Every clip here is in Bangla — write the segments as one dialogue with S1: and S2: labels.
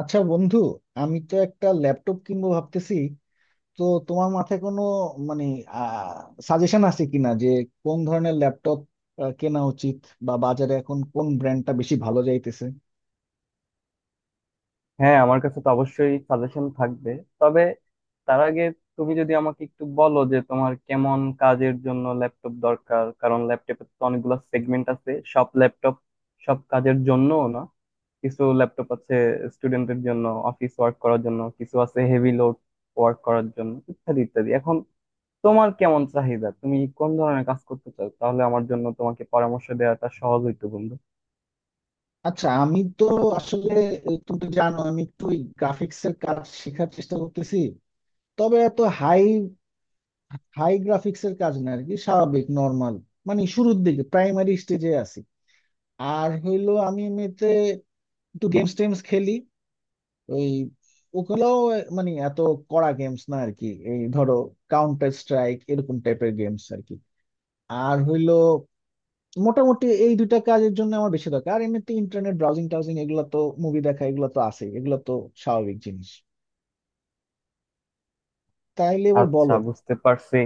S1: আচ্ছা বন্ধু, আমি তো একটা ল্যাপটপ কিনবো ভাবতেছি। তো তোমার মাথায় কোনো মানে সাজেশন আছে কিনা যে কোন ধরনের ল্যাপটপ কেনা উচিত, বা বাজারে এখন কোন ব্র্যান্ডটা বেশি ভালো যাইতেছে?
S2: হ্যাঁ, আমার কাছে তো অবশ্যই সাজেশন থাকবে। তবে তার আগে তুমি যদি আমাকে একটু বলো যে তোমার কেমন কাজের জন্য ল্যাপটপ দরকার। কারণ ল্যাপটপে তো অনেকগুলো সেগমেন্ট আছে, সব ল্যাপটপ সব কাজের জন্য না। কিছু ল্যাপটপ আছে স্টুডেন্টের জন্য, অফিস ওয়ার্ক করার জন্য, কিছু আছে হেভি লোড ওয়ার্ক করার জন্য, ইত্যাদি ইত্যাদি। এখন তোমার কেমন চাহিদা, তুমি কোন ধরনের কাজ করতে চাও, তাহলে আমার জন্য তোমাকে পরামর্শ দেওয়াটা সহজ হইতো বন্ধু।
S1: আচ্ছা, আমি তো আসলে, তুমি তো জানো আমি একটু গ্রাফিক্স এর কাজ শেখার চেষ্টা করতেছি। তবে এত হাই হাই গ্রাফিক্স এর কাজ না আর কি, স্বাভাবিক নর্মাল। মানে শুরুর দিকে প্রাইমারি স্টেজে আছি। আর হইলো আমি এমনিতে একটু গেমস টেমস খেলি। ওই ওগুলোও মানে এত কড়া গেমস না আর কি। এই ধরো, কাউন্টার স্ট্রাইক এরকম টাইপের গেমস আর কি। আর হইলো মোটামুটি এই দুইটা কাজের জন্য আমার বেশি দরকার। আর এমনিতে ইন্টারনেট ব্রাউজিং টাউজিং এগুলো তো, মুভি দেখা এগুলো তো আছে, এগুলো তো স্বাভাবিক জিনিস। তাইলে এবার
S2: আচ্ছা,
S1: বলো।
S2: বুঝতে পারছি।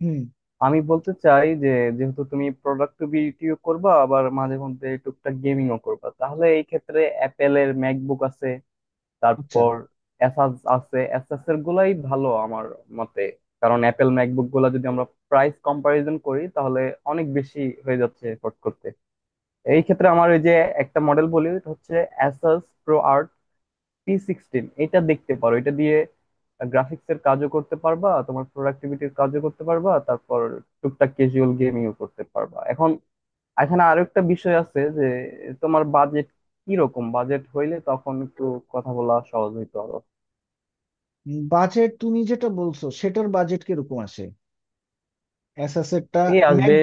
S1: হুম।
S2: আমি বলতে চাই যে, যেহেতু তুমি প্রোডাক্টিভিটিও করবা আবার মাঝে মধ্যে টুকটাক গেমিংও করবা, তাহলে এই ক্ষেত্রে অ্যাপেলের ম্যাকবুক আছে,
S1: আচ্ছা।
S2: তারপর অ্যাসাস আছে। অ্যাসাস এর গুলাই ভালো আমার মতে। কারণ অ্যাপেল ম্যাকবুক গুলা যদি আমরা প্রাইস কম্পারিজন করি, তাহলে অনেক বেশি হয়ে যাচ্ছে এফোর্ট করতে। এই ক্ষেত্রে আমার ওই যে একটা মডেল বলি, ওটা হচ্ছে Asus Pro Art T sixteen. এটা দেখতে পারো। এটা দিয়ে গ্রাফিক্স এর কাজও করতে পারবা, তোমার প্রোডাক্টিভিটির কাজও করতে পারবা, তারপর টুকটাক ক্যাজুয়াল গেমিংও করতে পারবা। এখন এখানে আরো একটা বিষয় আছে যে, তোমার বাজেট কি রকম। বাজেট হইলে তখন একটু কথা বলা সহজ হইতো আরো।
S1: বাজেট, তুমি যেটা বলছো সেটার বাজেট কিরকম আসে অ্যাসাসেটটা?
S2: এই
S1: ম্যাক
S2: আসবে,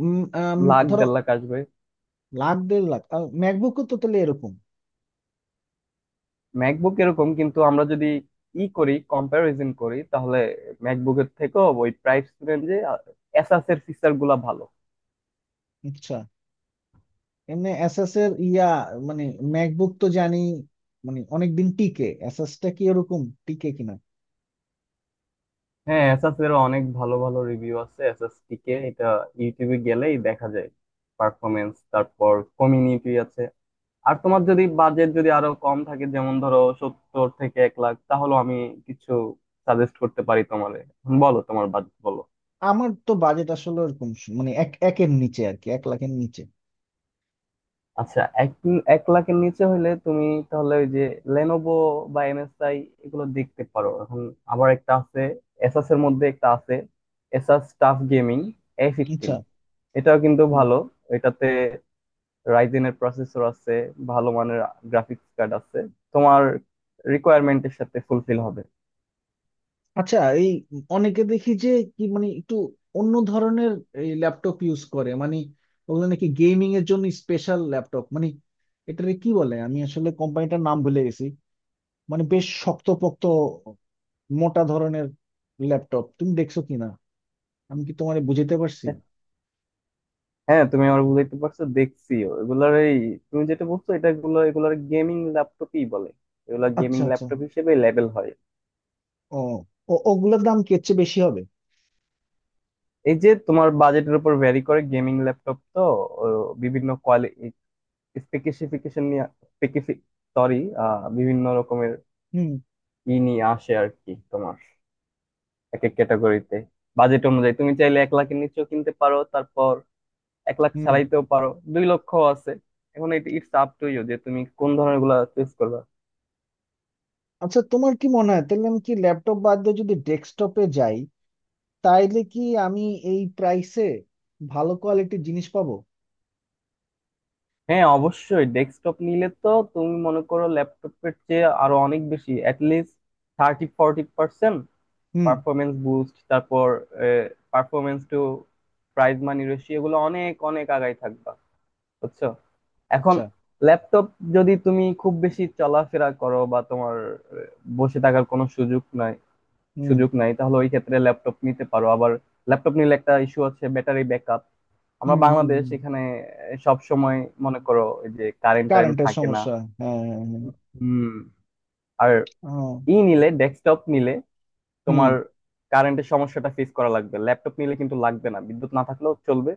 S1: উম, আম,
S2: লাখ
S1: ধরো,
S2: দেড় লাখ আসবে।
S1: লাখ দেড় লাখ? আর ম্যাকবুকও তো তাহলে এরকম?
S2: ম্যাকবুক এরকম, কিন্তু আমরা যদি ই করি কম্প্যারিজন করি তাহলে ম্যাকবুকের থেকেও ওই প্রাইস রেঞ্জে এসাস এর ফিচার গুলা ভালো।
S1: আচ্ছা, এমনি এসএস এর ইয়া মানে, ম্যাকবুক তো জানি মানে অনেকদিন টিকে, এসএস টা কি ওরকম টিকে কিনা?
S2: হ্যাঁ, এসএস এর অনেক ভালো ভালো রিভিউ আছে, এসএস টিকে, এটা ইউটিউবে গেলেই দেখা যায়। পারফরমেন্স, তারপর কমিউনিটি আছে। আর তোমার যদি বাজেট যদি আরো কম থাকে, যেমন ধরো 70 থেকে 1 লাখ, তাহলে আমি কিছু সাজেস্ট করতে পারি তোমারে। বলো, তোমার বাজেট বলো।
S1: আমার তো বাজেট আসলে ওরকম মানে একের নিচে আর কি, এক লাখের নিচে।
S2: আচ্ছা, এক এক লাখের নিচে হইলে তুমি তাহলে ওই যে লেনোভো বা MSI, এগুলো দেখতে পারো। এখন আবার একটা আছে, এসাস এর মধ্যে একটা আছে, এসাস টাফ গেমিং এ
S1: আচ্ছা।
S2: ফিফটিন। এটাও কিন্তু
S1: হুম।
S2: ভালো। এটাতে রাইজেনের প্রসেসর আছে, ভালো মানের গ্রাফিক্স কার্ড আছে, তোমার রিকোয়ারমেন্টের সাথে ফুলফিল হবে।
S1: আচ্ছা এই, অনেকে দেখি যে কি মানে একটু অন্য ধরনের এই ল্যাপটপ ইউজ করে মানে, ওগুলো নাকি গেমিং এর জন্য স্পেশাল ল্যাপটপ মানে, এটারে কি বলে, আমি আসলে কোম্পানিটার নাম ভুলে গেছি। মানে বেশ শক্তপোক্ত মোটা ধরনের ল্যাপটপ তুমি দেখছো কিনা? আমি কি তোমারে বুঝাতে পারছি?
S2: হ্যাঁ, তুমি আমার বুঝাইতে পারছো, দেখছিও এগুলার। এই তুমি যেটা বলছো এটা, এগুলার গেমিং ল্যাপটপই বলে। এগুলা গেমিং
S1: আচ্ছা, আচ্ছা।
S2: ল্যাপটপ হিসেবে লেবেল হয়।
S1: ও, ও, ওগুলোর দাম কি এর চেয়ে বেশি হবে?
S2: এই যে, তোমার বাজেটের উপর ভ্যারি করে গেমিং ল্যাপটপ তো। ও বিভিন্ন কোয়ালিটি স্পেসিফিকেশন নিয়ে, স্পেসিফিক সরি বিভিন্ন রকমের
S1: হুম,
S2: নিয়ে আসে আর কি তোমার। এক এক ক্যাটাগরিতে বাজেট অনুযায়ী তুমি চাইলে 1 লাখের নিচেও কিনতে পারো, তারপর এক লাখ
S1: হুম।
S2: ছাড়াইতেও পারো, 2 লক্ষ আছে। এখন এটা ইটস আপ টু ইউ যে তুমি কোন ধরনের গুলা চুজ করবা।
S1: আচ্ছা তোমার কি মনে হয় তাহলে, আমি কি ল্যাপটপ বাদ দিয়ে যদি ডেস্কটপে যাই, তাইলে কি আমি এই প্রাইসে ভালো কোয়ালিটির জিনিস পাবো?
S2: হ্যাঁ, অবশ্যই ডেস্কটপ নিলে তো তুমি মনে করো ল্যাপটপের চেয়ে আরো অনেক বেশি, অ্যাটলিস্ট 30-40%
S1: হুম।
S2: পারফরমেন্স বুস্ট, তারপর performance to price money ratio, এগুলো অনেক অনেক আগাই থাকবা, বুঝছো। এখন
S1: আচ্ছা।
S2: ল্যাপটপ, যদি তুমি খুব বেশি চলাফেরা করো বা তোমার বসে থাকার কোনো সুযোগ নাই,
S1: হুম,
S2: সুযোগ নাই, তাহলে ওই ক্ষেত্রে ল্যাপটপ নিতে পারো। আবার ল্যাপটপ নিলে একটা ইস্যু আছে, ব্যাটারি ব্যাকআপ। আমরা
S1: হুম, হুম।
S2: বাংলাদেশ, এখানে সব সময় মনে করো এই যে কারেন্ট টারেন্ট
S1: কারেন্টের
S2: থাকে না।
S1: সমস্যা। হ্যাঁ, হ্যাঁ, হ্যাঁ।
S2: হুম আর
S1: আহ,
S2: ই নিলে ডেস্কটপ নিলে
S1: হুম।
S2: তোমার কারেন্টের সমস্যাটা ফেস করা লাগবে, ল্যাপটপ নিলে কিন্তু লাগবে না, বিদ্যুৎ না থাকলেও চলবে।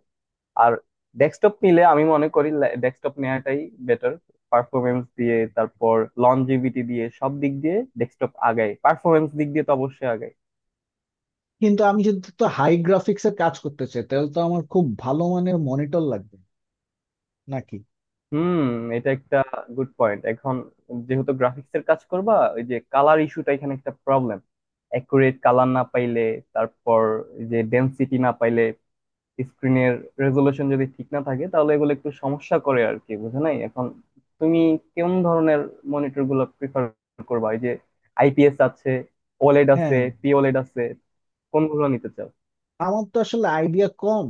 S2: আর ডেস্কটপ নিলে আমি মনে করি ডেস্কটপ নেওয়াটাই বেটার, পারফরমেন্স দিয়ে, তারপর লনজিভিটি দিয়ে, সব দিক দিয়ে ডেস্কটপ আগায়, পারফরমেন্স দিক দিয়ে তো অবশ্যই আগায়।
S1: কিন্তু আমি যদি তো হাই গ্রাফিক্স এর কাজ করতে চাই, তাহলে তো আমার খুব ভালো মানের মনিটর লাগবে, নাকি?
S2: হুম, এটা একটা গুড পয়েন্ট। এখন যেহেতু গ্রাফিক্স এর কাজ করবা, ওই যে কালার ইস্যুটা এখানে একটা প্রবলেম। অ্যাকুরেট কালার না পাইলে, তারপর এই যে ডেনসিটি না পাইলে, স্ক্রিনের রেজলিউশন যদি ঠিক না থাকে, তাহলে এগুলো একটু সমস্যা করে আর কি, বুঝে নাই। এখন তুমি কোন ধরনের মনিটর গুলো প্রিফার করবা? এই যে IPS আছে, OLED আছে,
S1: হ্যাঁ।
S2: pOLED আছে, কোনগুলো নিতে চাও?
S1: আমার তো আসলে আইডিয়া কম।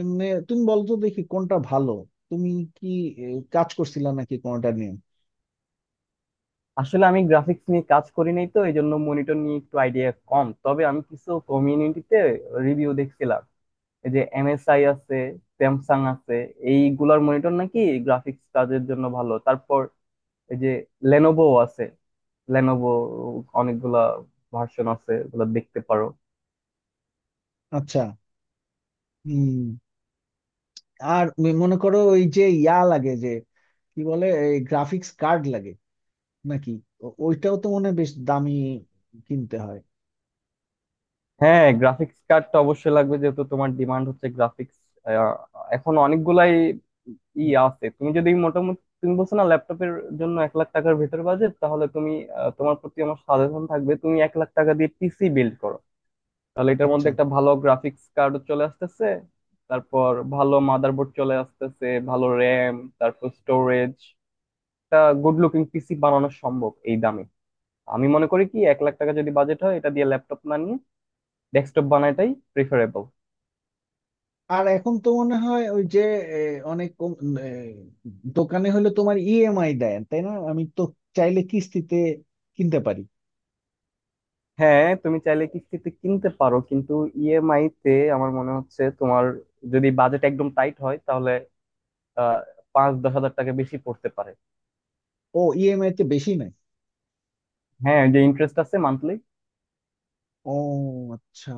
S1: এমনি তুমি বলো তো দেখি কোনটা ভালো। তুমি কি এ, কাজ করছিলা নাকি কোনটা নিয়ে?
S2: আসলে আমি গ্রাফিক্স নিয়ে কাজ করি নাই তো, এই জন্য মনিটর নিয়ে একটু আইডিয়া কম। তবে আমি কিছু কমিউনিটিতে রিভিউ দেখছিলাম। এই যে MSI আছে, স্যামসাং আছে, এইগুলার মনিটর নাকি গ্রাফিক্স কাজের জন্য ভালো। তারপর এই যে লেনোভো আছে, লেনোভো অনেকগুলা ভার্সন আছে, ওগুলো দেখতে পারো।
S1: আচ্ছা। হম। আর মনে করো, ওই যে ইয়া লাগে, যে কি বলে, গ্রাফিক্স কার্ড লাগে নাকি? ওইটাও তো মনে হয় বেশ দামি কিনতে হয়।
S2: হ্যাঁ, গ্রাফিক্স কার্ডটা অবশ্যই লাগবে, যেহেতু তোমার ডিমান্ড হচ্ছে গ্রাফিক্স। এখন অনেকগুলাই
S1: হুম।
S2: আছে। তুমি যদি মোটামুটি, তুমি বলছো না ল্যাপটপের জন্য 1 লাখ টাকার ভিতর বাজেট, তাহলে তুমি তোমার প্রতি আমার সাজেশন থাকবে তুমি 1 লাখ টাকা দিয়ে পিসি বিল্ড করো। তাহলে এটার মধ্যে
S1: আচ্ছা।
S2: একটা ভালো গ্রাফিক্স কার্ড চলে আসতেছে, তারপর ভালো মাদারবোর্ড চলে আসতেছে, ভালো র্যাম, তারপর স্টোরেজ। একটা গুড লুকিং পিসি বানানো সম্ভব এই দামে। আমি মনে করি কি, 1 লাখ টাকা যদি বাজেট হয়, এটা দিয়ে ল্যাপটপ না নিয়ে ডেস্কটপ বানাটাই প্রিফারেবল।
S1: আর এখন তো মনে হয় ওই যে, এ, অনেক এ, দোকানে হলে তোমার ইএমআই দেয় তাই না? আমি তো চাইলে কিস্তিতে কিনতে পারি।
S2: হ্যাঁ, তুমি চাইলে কিস্তিতে কিনতে পারো, কিন্তু EMI তে আমার মনে হচ্ছে তোমার, যদি বাজেট একদম টাইট হয়, তাহলে আহ 5-10 হাজার টাকা বেশি পড়তে পারে।
S1: ও, ইএমআই তে বেশি নাই?
S2: হ্যাঁ, ওই যে ইন্টারেস্ট আছে মান্থলি।
S1: ও আচ্ছা।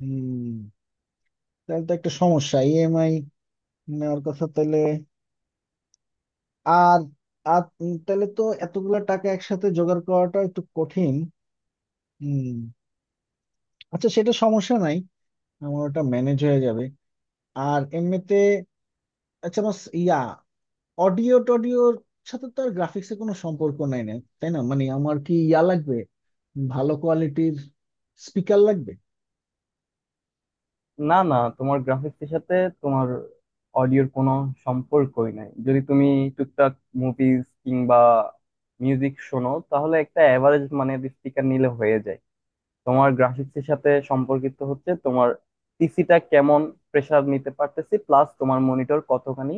S1: হুম। তাহলে তো একটা সমস্যা, ইএমআই নেওয়ার কথা তাহলে। আর আর তাহলে তো এতগুলা টাকা একসাথে জোগাড় করাটা একটু কঠিন। হুম। আচ্ছা, সেটা সমস্যা নাই, আমার ওটা ম্যানেজ হয়ে যাবে। আর এমনিতে, আচ্ছা আমার ইয়া অডিও টডিওর সাথে তো আর গ্রাফিক্স এর কোনো সম্পর্ক নাই না? তাই না? মানে আমার কি ইয়া লাগবে, ভালো কোয়ালিটির স্পিকার লাগবে?
S2: না না, তোমার গ্রাফিক্সের সাথে তোমার অডিওর কোনো সম্পর্কই নাই। যদি তুমি টুকটাক মুভিজ কিংবা মিউজিক শোনো, তাহলে একটা অ্যাভারেজ মানের স্পিকার নিলে হয়ে যায়। তোমার গ্রাফিক্সের সাথে সম্পর্কিত হচ্ছে তোমার পিসিটা কেমন প্রেসার নিতে পারতেছি, প্লাস তোমার মনিটর কতখানি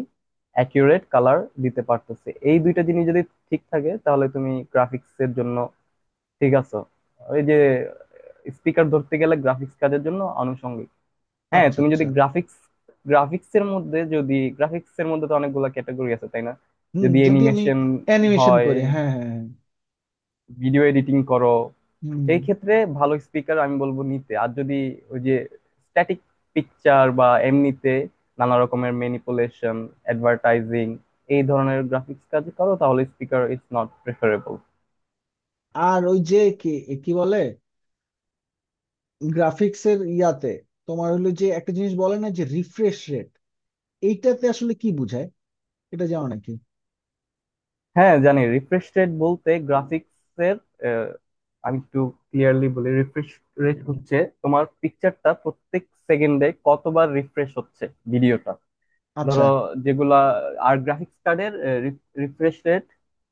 S2: অ্যাকিউরেট কালার দিতে পারতেছে। এই দুইটা জিনিস যদি ঠিক থাকে, তাহলে তুমি গ্রাফিক্সের জন্য ঠিক আছো। ওই যে স্পিকার, ধরতে গেলে গ্রাফিক্স কাজের জন্য আনুষঙ্গিক। হ্যাঁ,
S1: আচ্ছা,
S2: তুমি
S1: আচ্ছা।
S2: যদি গ্রাফিক্স, গ্রাফিক্স এর মধ্যে যদি গ্রাফিক্স এর মধ্যে তো অনেকগুলো ক্যাটাগরি আছে তাই না।
S1: হুম।
S2: যদি
S1: যদি আমি
S2: অ্যানিমেশন
S1: অ্যানিমেশন
S2: হয়,
S1: করি, হ্যাঁ, হ্যাঁ, হ্যাঁ।
S2: ভিডিও এডিটিং করো,
S1: হুম।
S2: সেই ক্ষেত্রে ভালো স্পিকার আমি বলবো নিতে। আর যদি ওই যে স্ট্যাটিক পিকচার বা এমনিতে নানা রকমের ম্যানিপুলেশন, অ্যাডভার্টাইজিং, এই ধরনের গ্রাফিক্স কাজ করো, তাহলে স্পিকার ইজ নট প্রেফারেবল।
S1: আর ওই যে কি কি বলে, গ্রাফিক্স এর ইয়াতে তোমার হলো যে একটা জিনিস বলে না, যে রিফ্রেশ রেট, এইটাতে আসলে কি বুঝায়, এটা জানো নাকি?
S2: হ্যাঁ, জানি। রিফ্রেশ রেট বলতে গ্রাফিক্সের, আমি একটু ক্লিয়ারলি বলি। রিফ্রেশ রেট হচ্ছে তোমার পিকচারটা প্রত্যেক সেকেন্ডে কতবার রিফ্রেশ হচ্ছে, ভিডিওটা।
S1: আচ্ছা,
S2: ধরো যেগুলা, আর গ্রাফিক্স কার্ডের রিফ্রেশ রেট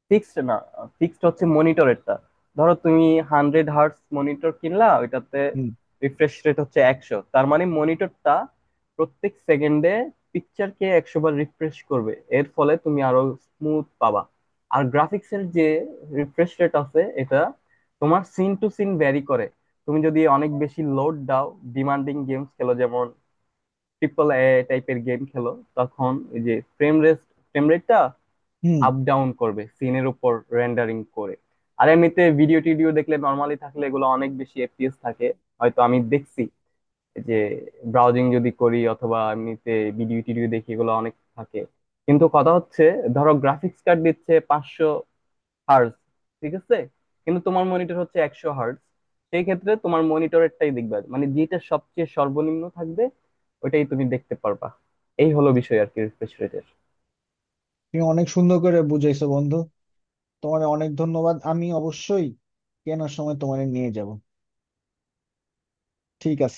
S2: ফিক্সড না, ফিক্সড হচ্ছে মনিটরেরটা। ধরো তুমি 100 Hz মনিটর কিনলা, ওইটাতে
S1: হুম,
S2: রিফ্রেশ রেট হচ্ছে 100, তার মানে মনিটরটা প্রত্যেক সেকেন্ডে পিকচারকে 100 বার রিফ্রেশ করবে, এর ফলে তুমি আরো স্মুথ পাবা। আর গ্রাফিক্সের যে রিফ্রেশ রেট আছে, এটা তোমার সিন টু সিন ভ্যারি করে। তুমি যদি অনেক বেশি লোড দাও, ডিমান্ডিং গেমস খেলো, যেমন AAA টাইপের গেম খেলো, তখন এই যে ফ্রেম রেট, ফ্রেম রেটটা
S1: হুম।
S2: আপ ডাউন করবে সিনের উপর, রেন্ডারিং করে। আর এমনিতে ভিডিও টিডিও দেখলে, নর্মালি থাকলে, এগুলো অনেক বেশি FPS থাকে। হয়তো আমি দেখছি যে ব্রাউজিং যদি করি অথবা এমনিতে ভিডিও টিডিও দেখি, এগুলো অনেক থাকে। কিন্তু কথা হচ্ছে, ধরো গ্রাফিক্স কার্ড দিচ্ছে 500 Hz, ঠিক আছে, কিন্তু তোমার মনিটর হচ্ছে 100 Hz, সেই ক্ষেত্রে তোমার মনিটরেরটাই দেখবে, মানে যেটা সবচেয়ে সর্বনিম্ন থাকবে ওটাই তুমি দেখতে পারবা। এই হলো বিষয় আর কি, রিফ্রেশ রেটের।
S1: তুমি অনেক সুন্দর করে বুঝাইছো বন্ধু। তোমার অনেক ধন্যবাদ, আমি অবশ্যই কেনার সময় তোমারে নিয়ে যাব, ঠিক আছে?